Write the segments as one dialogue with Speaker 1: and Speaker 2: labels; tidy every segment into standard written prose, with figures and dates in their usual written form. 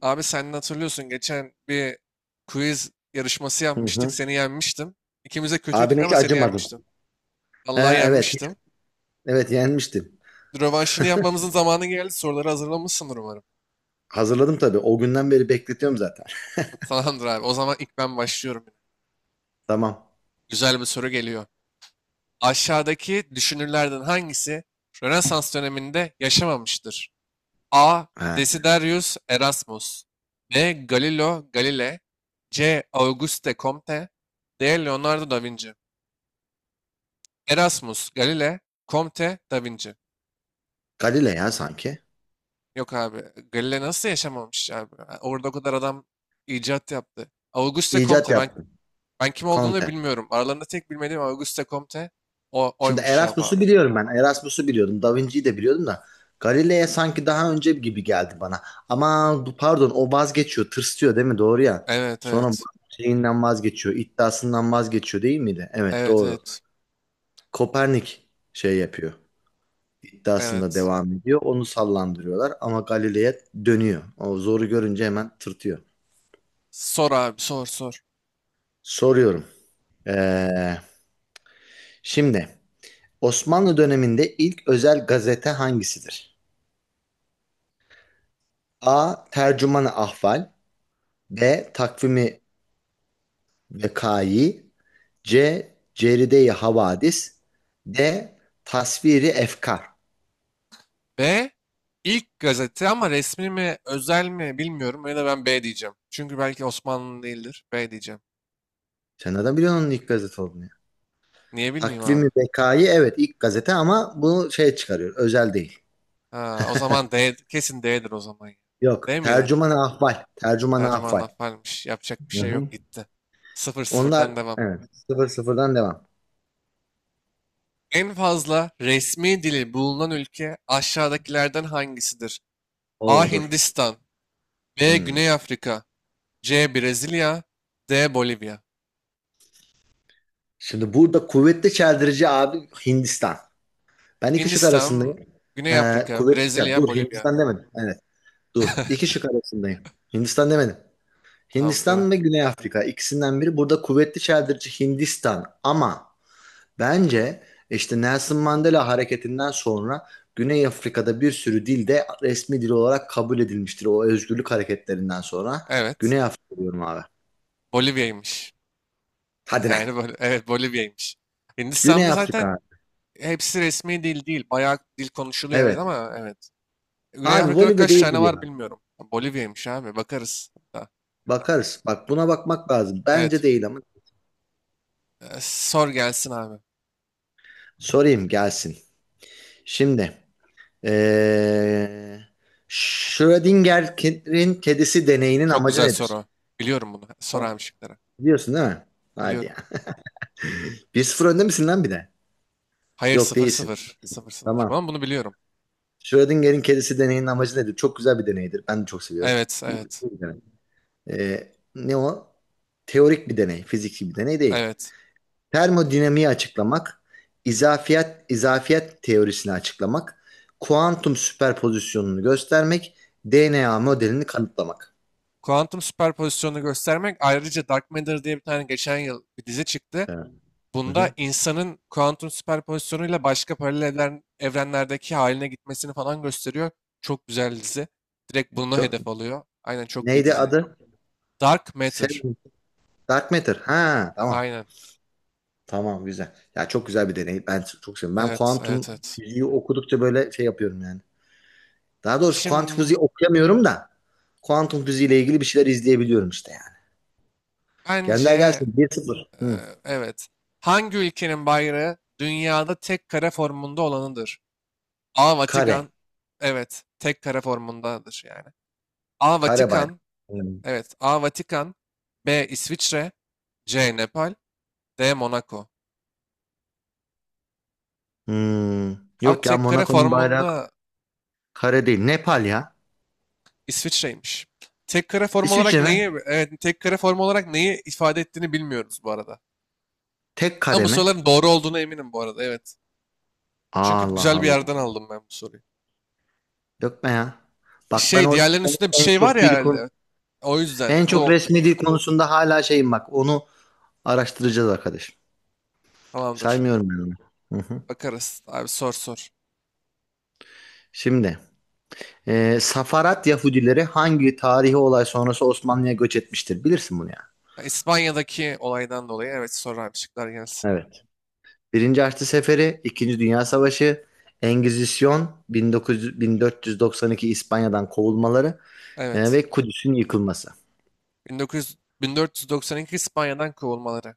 Speaker 1: Abi sen de hatırlıyorsun geçen bir quiz yarışması
Speaker 2: Hı
Speaker 1: yapmıştık.
Speaker 2: hı.
Speaker 1: Seni yenmiştim. İkimiz de kötüydük
Speaker 2: Abine hiç
Speaker 1: ama seni
Speaker 2: acımadım.
Speaker 1: yenmiştim.
Speaker 2: He
Speaker 1: Vallahi
Speaker 2: evet.
Speaker 1: yenmiştim.
Speaker 2: Evet yenmiştim.
Speaker 1: Rövanşını yapmamızın zamanı geldi. Soruları hazırlamışsındır umarım.
Speaker 2: Hazırladım tabii. O günden beri bekletiyorum zaten.
Speaker 1: Tamamdır abi. O zaman ilk ben başlıyorum.
Speaker 2: Tamam.
Speaker 1: Güzel bir soru geliyor. Aşağıdaki düşünürlerden hangisi Rönesans döneminde yaşamamıştır? A.
Speaker 2: He.
Speaker 1: Desiderius Erasmus. B. Galileo Galilei. C. Auguste Comte. D. Leonardo da Vinci. Erasmus, Galile, Comte, Da Vinci.
Speaker 2: Galile ya sanki.
Speaker 1: Yok abi. Galile nasıl yaşamamış abi? Ha, orada o kadar adam icat yaptı. Auguste
Speaker 2: İcat
Speaker 1: Comte. Ben
Speaker 2: yaptım.
Speaker 1: ben kim olduğunu
Speaker 2: Conte.
Speaker 1: bilmiyorum. Aralarında tek bilmediğim Auguste Comte. O
Speaker 2: Şimdi
Speaker 1: oymuş cevap
Speaker 2: Erasmus'u
Speaker 1: abi.
Speaker 2: biliyorum ben. Erasmus'u biliyordum. Da Vinci'yi de biliyordum da. Galile'ye sanki daha önce gibi geldi bana. Ama pardon, o vazgeçiyor. Tırstıyor değil mi? Doğru ya.
Speaker 1: Evet
Speaker 2: Sonra
Speaker 1: evet.
Speaker 2: şeyinden vazgeçiyor. İddiasından vazgeçiyor değil miydi? Evet,
Speaker 1: Evet
Speaker 2: doğru.
Speaker 1: evet.
Speaker 2: Kopernik şey yapıyor. İddiasında
Speaker 1: Evet.
Speaker 2: devam ediyor. Onu sallandırıyorlar ama Galileye dönüyor. O zoru görünce hemen tırtıyor.
Speaker 1: Sor abi, sor sor.
Speaker 2: Soruyorum. Ee, Şimdi Osmanlı döneminde ilk özel gazete hangisidir? A. Tercüman-ı Ahval. B. Takvimi Vekayi. C. Ceride-i Havadis. D. Tasviri Efkar.
Speaker 1: B ilk gazete ama resmi mi özel mi bilmiyorum. Ya da ben B diyeceğim. Çünkü belki Osmanlı değildir. B diyeceğim.
Speaker 2: Sen nereden biliyorsun onun ilk gazete olduğunu ya?
Speaker 1: Niye bilmeyeyim
Speaker 2: Takvimi
Speaker 1: abi?
Speaker 2: Vekayi evet ilk gazete ama bunu şey çıkarıyor. Özel değil.
Speaker 1: Ha, o zaman D, kesin D'dir o zaman, ya.
Speaker 2: Yok.
Speaker 1: D miydi?
Speaker 2: Tercüman ahval. Tercüman
Speaker 1: Tercüman
Speaker 2: ahval.
Speaker 1: affaymış. Yapacak bir
Speaker 2: Hı
Speaker 1: şey
Speaker 2: hı.
Speaker 1: yok, gitti. Sıfır
Speaker 2: Onlar
Speaker 1: sıfırdan devam.
Speaker 2: evet. Sıfır sıfırdan devam.
Speaker 1: En fazla resmi dili bulunan ülke aşağıdakilerden hangisidir?
Speaker 2: Oo,
Speaker 1: A.
Speaker 2: dur.
Speaker 1: Hindistan. B.
Speaker 2: Hmm.
Speaker 1: Güney Afrika. C. Brezilya. D. Bolivya.
Speaker 2: Şimdi burada kuvvetli çeldirici abi Hindistan. Ben iki şık arasındayım.
Speaker 1: Hindistan, Güney Afrika, Brezilya,
Speaker 2: Dur,
Speaker 1: Bolivya.
Speaker 2: Hindistan demedim. Evet. Dur. İki şık arasındayım. Hindistan demedim.
Speaker 1: Tamam değil mi?
Speaker 2: Hindistan ve Güney Afrika, ikisinden biri. Burada kuvvetli çeldirici Hindistan. Ama bence işte Nelson Mandela hareketinden sonra Güney Afrika'da bir sürü dil de resmi dil olarak kabul edilmiştir. O özgürlük hareketlerinden sonra
Speaker 1: Evet.
Speaker 2: Güney Afrika diyorum abi.
Speaker 1: Bolivya'ymış.
Speaker 2: Hadi lan.
Speaker 1: Yani böyle, evet, Bolivya'ymış.
Speaker 2: Güney
Speaker 1: Hindistan'da zaten
Speaker 2: Afrika.
Speaker 1: hepsi resmi dil değil. Bayağı dil konuşuluyor, evet,
Speaker 2: Evet.
Speaker 1: ama evet. Güney
Speaker 2: Abi
Speaker 1: Afrika'da
Speaker 2: Bolivya
Speaker 1: kaç
Speaker 2: değildir
Speaker 1: tane var
Speaker 2: ya.
Speaker 1: bilmiyorum. Bolivya'ymış abi. Bakarız hatta.
Speaker 2: Bakarız. Bak, buna bakmak lazım. Bence
Speaker 1: Evet.
Speaker 2: değil ama
Speaker 1: Sor gelsin abi.
Speaker 2: sorayım gelsin. Şimdi ee, Schrödinger'in kedisi deneyinin
Speaker 1: Çok
Speaker 2: amacı
Speaker 1: güzel
Speaker 2: nedir?
Speaker 1: soru. Biliyorum bunu. Sor
Speaker 2: Tamam.
Speaker 1: abi şıkları.
Speaker 2: Biliyorsun değil mi? Hadi
Speaker 1: Biliyorum.
Speaker 2: ya. 1-0 önde misin lan bir de?
Speaker 1: Hayır,
Speaker 2: Yok,
Speaker 1: sıfır
Speaker 2: değilsin.
Speaker 1: sıfır sıfır sıfır.
Speaker 2: Tamam.
Speaker 1: Ama bunu biliyorum.
Speaker 2: Schrödinger'in kedisi deneyinin amacı nedir? Çok güzel bir deneydir. Ben de çok seviyorum.
Speaker 1: Evet
Speaker 2: Bu
Speaker 1: evet.
Speaker 2: iyi bir deney. Ne o? Teorik bir deney, fiziki bir deney değil.
Speaker 1: Evet.
Speaker 2: Termodinamiği açıklamak, izafiyet teorisini açıklamak, kuantum süperpozisyonunu göstermek, DNA modelini kanıtlamak.
Speaker 1: Kuantum süperpozisyonunu göstermek. Ayrıca Dark Matter diye bir tane geçen yıl bir dizi çıktı.
Speaker 2: Evet. Hı
Speaker 1: Bunda
Speaker 2: hı.
Speaker 1: insanın kuantum süperpozisyonuyla başka paralel evrenlerdeki haline gitmesini falan gösteriyor. Çok güzel dizi. Direkt bunu
Speaker 2: Çok,
Speaker 1: hedef alıyor. Aynen, çok iyi
Speaker 2: neydi
Speaker 1: dizi.
Speaker 2: adı?
Speaker 1: Dark Matter.
Speaker 2: Seven- Dark Matter. Ha, tamam.
Speaker 1: Aynen.
Speaker 2: Tamam, güzel. Ya çok güzel bir deney. Ben çok seviyorum. Ben
Speaker 1: Evet, evet,
Speaker 2: kuantum
Speaker 1: evet.
Speaker 2: fiziği okudukça böyle şey yapıyorum yani. Daha doğrusu kuantum
Speaker 1: Şimdi,
Speaker 2: fiziği okuyamıyorum da kuantum fiziği ile ilgili bir şeyler izleyebiliyorum işte yani. Gönder
Speaker 1: bence,
Speaker 2: gelsin bir 0.
Speaker 1: e,
Speaker 2: Hı.
Speaker 1: evet. Hangi ülkenin bayrağı dünyada tek kare formunda olanıdır? A.
Speaker 2: Kare.
Speaker 1: Vatikan. Evet, tek kare formundadır yani. A.
Speaker 2: Kare bayrağı.
Speaker 1: Vatikan.
Speaker 2: Hmm.
Speaker 1: Evet, A. Vatikan. B. İsviçre. C. Nepal. D. Monaco.
Speaker 2: Hmm.
Speaker 1: Abi
Speaker 2: Yok ya,
Speaker 1: tek kare
Speaker 2: Monaco'nun bayrağı
Speaker 1: formunda
Speaker 2: kare değil. Nepal ya.
Speaker 1: İsviçre'ymiş. Tek kare form olarak
Speaker 2: İsviçre mi?
Speaker 1: neyi, evet, tek kare form olarak neyi ifade ettiğini bilmiyoruz bu arada.
Speaker 2: Tek
Speaker 1: Ama
Speaker 2: kare
Speaker 1: bu
Speaker 2: mi?
Speaker 1: soruların doğru olduğuna eminim bu arada. Evet. Çünkü
Speaker 2: Allah
Speaker 1: güzel bir
Speaker 2: Allah.
Speaker 1: yerden aldım ben bu soruyu.
Speaker 2: Yok be ya. Bak, ben
Speaker 1: Şey,
Speaker 2: o
Speaker 1: diğerlerinin üstünde bir
Speaker 2: en
Speaker 1: şey var
Speaker 2: çok
Speaker 1: ya
Speaker 2: dil konu
Speaker 1: herhalde. O yüzden
Speaker 2: en çok
Speaker 1: bu
Speaker 2: resmi dil konusunda hala şeyim bak. Onu araştıracağız arkadaş.
Speaker 1: tamamdır.
Speaker 2: Saymıyorum ben onu. Hı hı.
Speaker 1: Bakarız. Abi sor sor.
Speaker 2: Şimdi Safarat Yahudileri hangi tarihi olay sonrası Osmanlı'ya göç etmiştir? Bilirsin bunu ya.
Speaker 1: Ya, İspanya'daki olaydan dolayı, evet, sor abi şıklar gelsin.
Speaker 2: Yani. Evet. Birinci Haçlı Seferi, İkinci Dünya Savaşı, Engizisyon, 1900 1492 İspanya'dan kovulmaları
Speaker 1: Evet.
Speaker 2: ve Kudüs'ün yıkılması.
Speaker 1: 1900, 1492 İspanya'dan kovulmaları.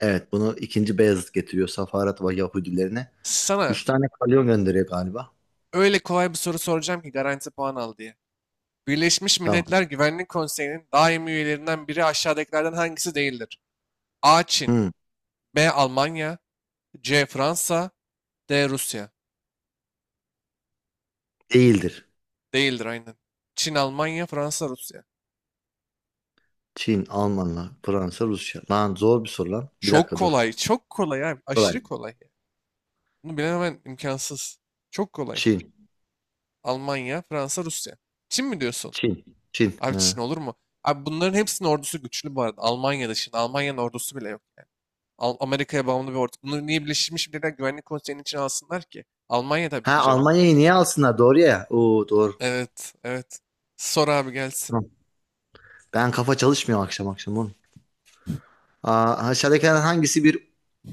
Speaker 2: Evet, bunu ikinci Beyazıt getiriyor Safarat ve Yahudilerine.
Speaker 1: Sana
Speaker 2: Üç tane kalyon gönderiyor galiba.
Speaker 1: öyle kolay bir soru soracağım ki garanti puan al diye. Birleşmiş
Speaker 2: Tamam.
Speaker 1: Milletler Güvenlik Konseyi'nin daimi üyelerinden biri aşağıdakilerden hangisi değildir? A. Çin.
Speaker 2: Hmm,
Speaker 1: B. Almanya. C. Fransa. D. Rusya.
Speaker 2: Değildir.
Speaker 1: Değildir, aynen. Çin, Almanya, Fransa, Rusya.
Speaker 2: Çin, Almanlar, Fransa, Rusya. Lan, zor bir soru lan. Bir
Speaker 1: Çok
Speaker 2: dakika, dur.
Speaker 1: kolay. Çok kolay abi.
Speaker 2: Kolay.
Speaker 1: Aşırı kolay yani. Bunu bilememen imkansız. Çok kolay.
Speaker 2: Çin,
Speaker 1: Almanya, Fransa, Rusya. Çin mi diyorsun?
Speaker 2: Çin, Çin.
Speaker 1: Abi, Çin
Speaker 2: Ha.
Speaker 1: olur mu? Abi bunların hepsinin ordusu güçlü bu arada. Almanya dışında. Almanya'nın ordusu bile yok yani. Amerika'ya bağımlı bir ordu. Bunu niye Birleşmiş Milletler Güvenlik Konseyi'nin içine alsınlar ki? Almanya tabii
Speaker 2: Ha,
Speaker 1: ki cevap.
Speaker 2: Almanya'yı niye alsınlar? Doğru ya. Oo, doğru.
Speaker 1: Evet, evet. Sor abi gelsin.
Speaker 2: Tamam. Ben kafa çalışmıyor akşam akşam oğlum. Aa, aşağıdakilerden hangisi bir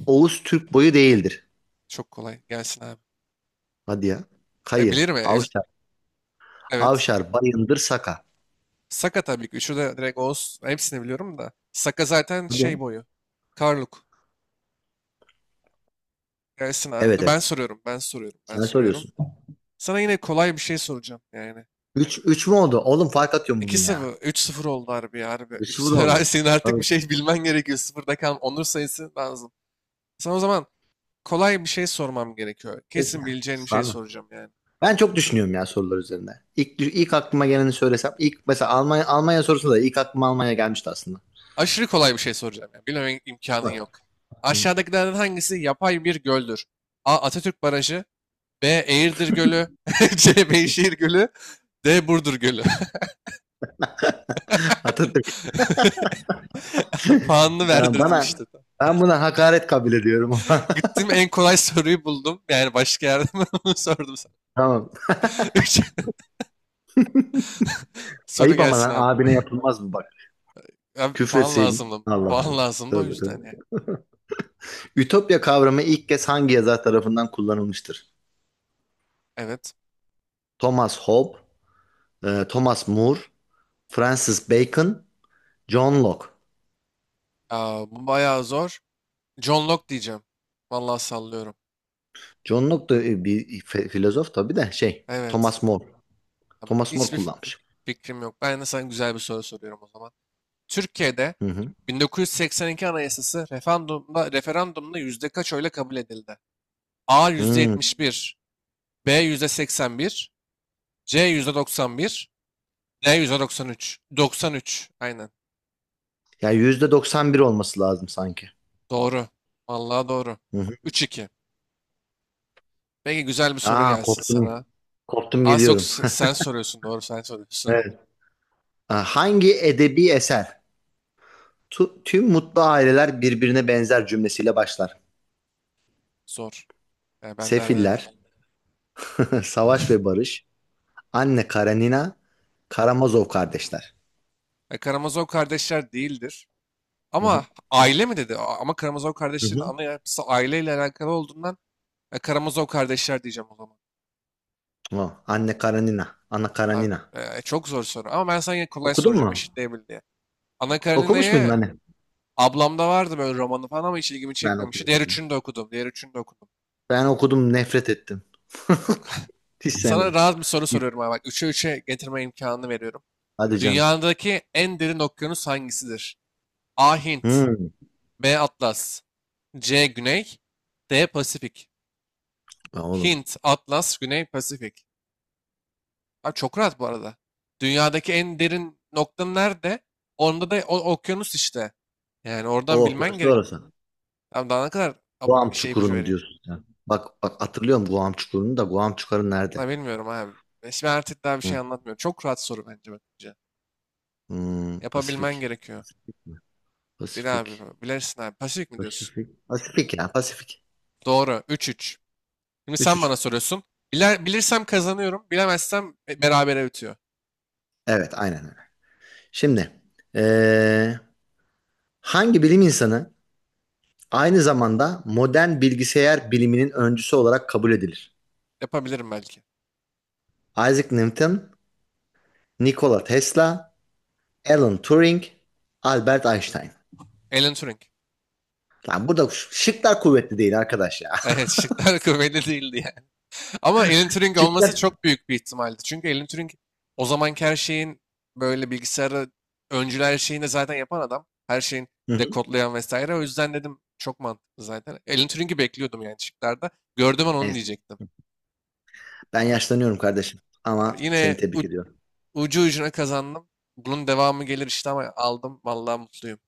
Speaker 2: Oğuz Türk boyu değildir?
Speaker 1: Çok kolay. Gelsin abi.
Speaker 2: Hadi ya.
Speaker 1: E,
Speaker 2: Kayı,
Speaker 1: bilirim ya.
Speaker 2: Avşar,
Speaker 1: Evet.
Speaker 2: Avşar, Bayındır, Saka.
Speaker 1: Saka tabii ki. Üçü de direkt Oğuz. Hepsini biliyorum da. Saka zaten
Speaker 2: Hadi ya.
Speaker 1: şey boyu. Karluk. Gelsin
Speaker 2: Evet
Speaker 1: abi.
Speaker 2: evet.
Speaker 1: Ben soruyorum. Ben soruyorum. Ben
Speaker 2: Sen
Speaker 1: soruyorum.
Speaker 2: soruyorsun.
Speaker 1: Sana yine kolay bir şey soracağım yani.
Speaker 2: Üç 3 mü oldu? Oğlum fark atıyorum
Speaker 1: 2
Speaker 2: bugün ya.
Speaker 1: sıfır, üç sıfır oldu harbi ya harbi.
Speaker 2: Üç 0
Speaker 1: 3-0. Abi
Speaker 2: oldu.
Speaker 1: senin artık bir
Speaker 2: Tabii.
Speaker 1: şey bilmen gerekiyor. Sıfırda kalan onur sayısı lazım. Sana o zaman kolay bir şey sormam gerekiyor.
Speaker 2: Peki
Speaker 1: Kesin
Speaker 2: ya.
Speaker 1: bileceğin bir şey
Speaker 2: Sağ.
Speaker 1: soracağım yani.
Speaker 2: Ben çok düşünüyorum ya sorular üzerinde. İlk aklıma geleni söylesem. İlk mesela Almanya sorusunda da ilk aklıma Almanya gelmişti aslında.
Speaker 1: Aşırı kolay bir şey soracağım yani. Bilmem imkanın yok.
Speaker 2: Var. Hı.
Speaker 1: Aşağıdakilerden hangisi yapay bir göldür? A. Atatürk Barajı. B. Eğirdir Gölü. C. Beyşehir Gölü. D. Burdur Gölü.
Speaker 2: Hatırlıyorum.
Speaker 1: Puanını
Speaker 2: Ya,
Speaker 1: verdirdim
Speaker 2: bana
Speaker 1: işte.
Speaker 2: ben buna hakaret kabul ediyorum.
Speaker 1: Gittim en kolay soruyu buldum. Yani başka yerde ben onu sordum sana.
Speaker 2: Tamam.
Speaker 1: Üç. Soru
Speaker 2: Ayıp ama
Speaker 1: gelsin
Speaker 2: lan
Speaker 1: abi.
Speaker 2: abine yapılmaz mı bak?
Speaker 1: Abi, puan
Speaker 2: Küfretseydin.
Speaker 1: lazımdı.
Speaker 2: Allah
Speaker 1: Puan
Speaker 2: Allah.
Speaker 1: lazımdı o
Speaker 2: Tövbe
Speaker 1: yüzden yani.
Speaker 2: tövbe. Ütopya kavramı ilk kez hangi yazar tarafından kullanılmıştır?
Speaker 1: Evet.
Speaker 2: Thomas Hobbes, Thomas More, Francis Bacon, John Locke.
Speaker 1: Aa, bu bayağı zor. John Locke diyeceğim. Vallahi sallıyorum.
Speaker 2: John Locke da bir filozof tabii de şey,
Speaker 1: Evet.
Speaker 2: Thomas More.
Speaker 1: Abi,
Speaker 2: Thomas More
Speaker 1: hiçbir
Speaker 2: kullanmış.
Speaker 1: fikrim yok. Ben de sana güzel bir soru soruyorum o zaman. Türkiye'de
Speaker 2: Hı hı.
Speaker 1: 1982 Anayasası referandumda yüzde kaç oyla kabul edildi? A yüzde
Speaker 2: Hmm.
Speaker 1: 71, B yüzde 81, C yüzde 91, D yüzde 93. 93, aynen.
Speaker 2: Ya %91 olması lazım sanki.
Speaker 1: Doğru. Vallahi doğru.
Speaker 2: Hı hı.
Speaker 1: Üç iki. Peki güzel bir soru
Speaker 2: Aa,
Speaker 1: gelsin sana.
Speaker 2: korktum. Korktum,
Speaker 1: Az yok,
Speaker 2: geliyorum.
Speaker 1: sen soruyorsun. Doğru, sen soruyorsun. Aynen.
Speaker 2: Evet. Aa, hangi edebi eser tüm mutlu aileler birbirine benzer cümlesiyle başlar.
Speaker 1: Zor. Yani ben nereden bileyim.
Speaker 2: Sefiller, Savaş ve Barış, Anne Karanina, Karamazov kardeşler.
Speaker 1: Ya, Karamazov kardeşler değildir.
Speaker 2: Hı
Speaker 1: Ama
Speaker 2: hı.
Speaker 1: aile mi dedi? Ama Karamazov
Speaker 2: Hı
Speaker 1: kardeşlerin
Speaker 2: hı.
Speaker 1: ana yapısı aileyle alakalı olduğundan, Karamazov kardeşler diyeceğim o zaman.
Speaker 2: O, Anne Karanina, Ana
Speaker 1: Abi,
Speaker 2: Karanina.
Speaker 1: çok zor soru. Ama ben sana yine kolay
Speaker 2: Okudun
Speaker 1: soracağım
Speaker 2: mu?
Speaker 1: eşitleyebil diye. Anna
Speaker 2: Okumuş muydun
Speaker 1: Karenina'yı
Speaker 2: anne?
Speaker 1: ablamda vardı böyle romanı falan ama hiç ilgimi
Speaker 2: Ben
Speaker 1: çekmemişti. Diğer
Speaker 2: okudum ya.
Speaker 1: üçünü de okudum. Diğer üçünü de okudum.
Speaker 2: Ben okudum, nefret ettim.
Speaker 1: Yok.
Speaker 2: Hiç
Speaker 1: Sana
Speaker 2: sevmedim.
Speaker 1: rahat bir soru
Speaker 2: Git.
Speaker 1: soruyorum abi. Bak 3'e getirme imkanını veriyorum.
Speaker 2: Hadi canım.
Speaker 1: Dünyadaki en derin okyanus hangisidir? A. Hint.
Speaker 2: Hmm.
Speaker 1: B. Atlas. C. Güney. D. Pasifik.
Speaker 2: Ya oğlum.
Speaker 1: Hint, Atlas, Güney, Pasifik. Abi çok rahat bu arada. Dünyadaki en derin noktanın nerede? Onda da o, okyanus işte. Yani oradan
Speaker 2: O
Speaker 1: bilmen
Speaker 2: okyanus da
Speaker 1: gerek.
Speaker 2: orası.
Speaker 1: Abi daha ne kadar
Speaker 2: Guam
Speaker 1: şey, ipucu
Speaker 2: Çukuru'nu
Speaker 1: vereyim?
Speaker 2: diyorsun sen. Bak, bak, hatırlıyorum Guam Çukuru'nu da Guam Çukur'u nerede?
Speaker 1: Ha, bilmiyorum abi. Şimdi artık daha bir şey
Speaker 2: Hı.
Speaker 1: anlatmıyorum. Çok rahat soru bence bakınca. Yapabilmen
Speaker 2: Pasifik.
Speaker 1: gerekiyor.
Speaker 2: Pasifik mi?
Speaker 1: Bil abi.
Speaker 2: Pasifik.
Speaker 1: Bilirsin abi. Pasifik mi diyorsun?
Speaker 2: Pasifik. Pasifik ya Pasifik.
Speaker 1: Doğru. 3-3. Şimdi
Speaker 2: Üç
Speaker 1: sen
Speaker 2: üç.
Speaker 1: bana soruyorsun. Biler, bilirsem kazanıyorum. Bilemezsem, berabere bitiyor.
Speaker 2: Evet, aynen öyle. Şimdi eee, hangi bilim insanı aynı zamanda modern bilgisayar biliminin öncüsü olarak kabul edilir?
Speaker 1: Yapabilirim belki.
Speaker 2: Isaac Newton, Nikola Tesla, Alan Turing, Albert Einstein.
Speaker 1: Alan Turing.
Speaker 2: Lan, burada şıklar kuvvetli değil arkadaş ya.
Speaker 1: Evet, şıklar kuvvetli değildi. Ama Alan Turing olması
Speaker 2: Şıklar.
Speaker 1: çok büyük bir ihtimaldi. Çünkü Alan Turing o zamanki her şeyin, böyle, bilgisayarı öncüler, her şeyini de zaten yapan adam. Her şeyin
Speaker 2: Hı hı.
Speaker 1: dekodlayan vesaire. O yüzden dedim çok mantıklı zaten. Alan Turing'i bekliyordum yani şıklarda. Gördüm, ben onu
Speaker 2: Neyse,
Speaker 1: diyecektim.
Speaker 2: ben
Speaker 1: Abi,
Speaker 2: yaşlanıyorum kardeşim
Speaker 1: abi
Speaker 2: ama seni
Speaker 1: yine
Speaker 2: tebrik ediyorum.
Speaker 1: ucu ucuna kazandım. Bunun devamı gelir işte ama aldım. Vallahi mutluyum.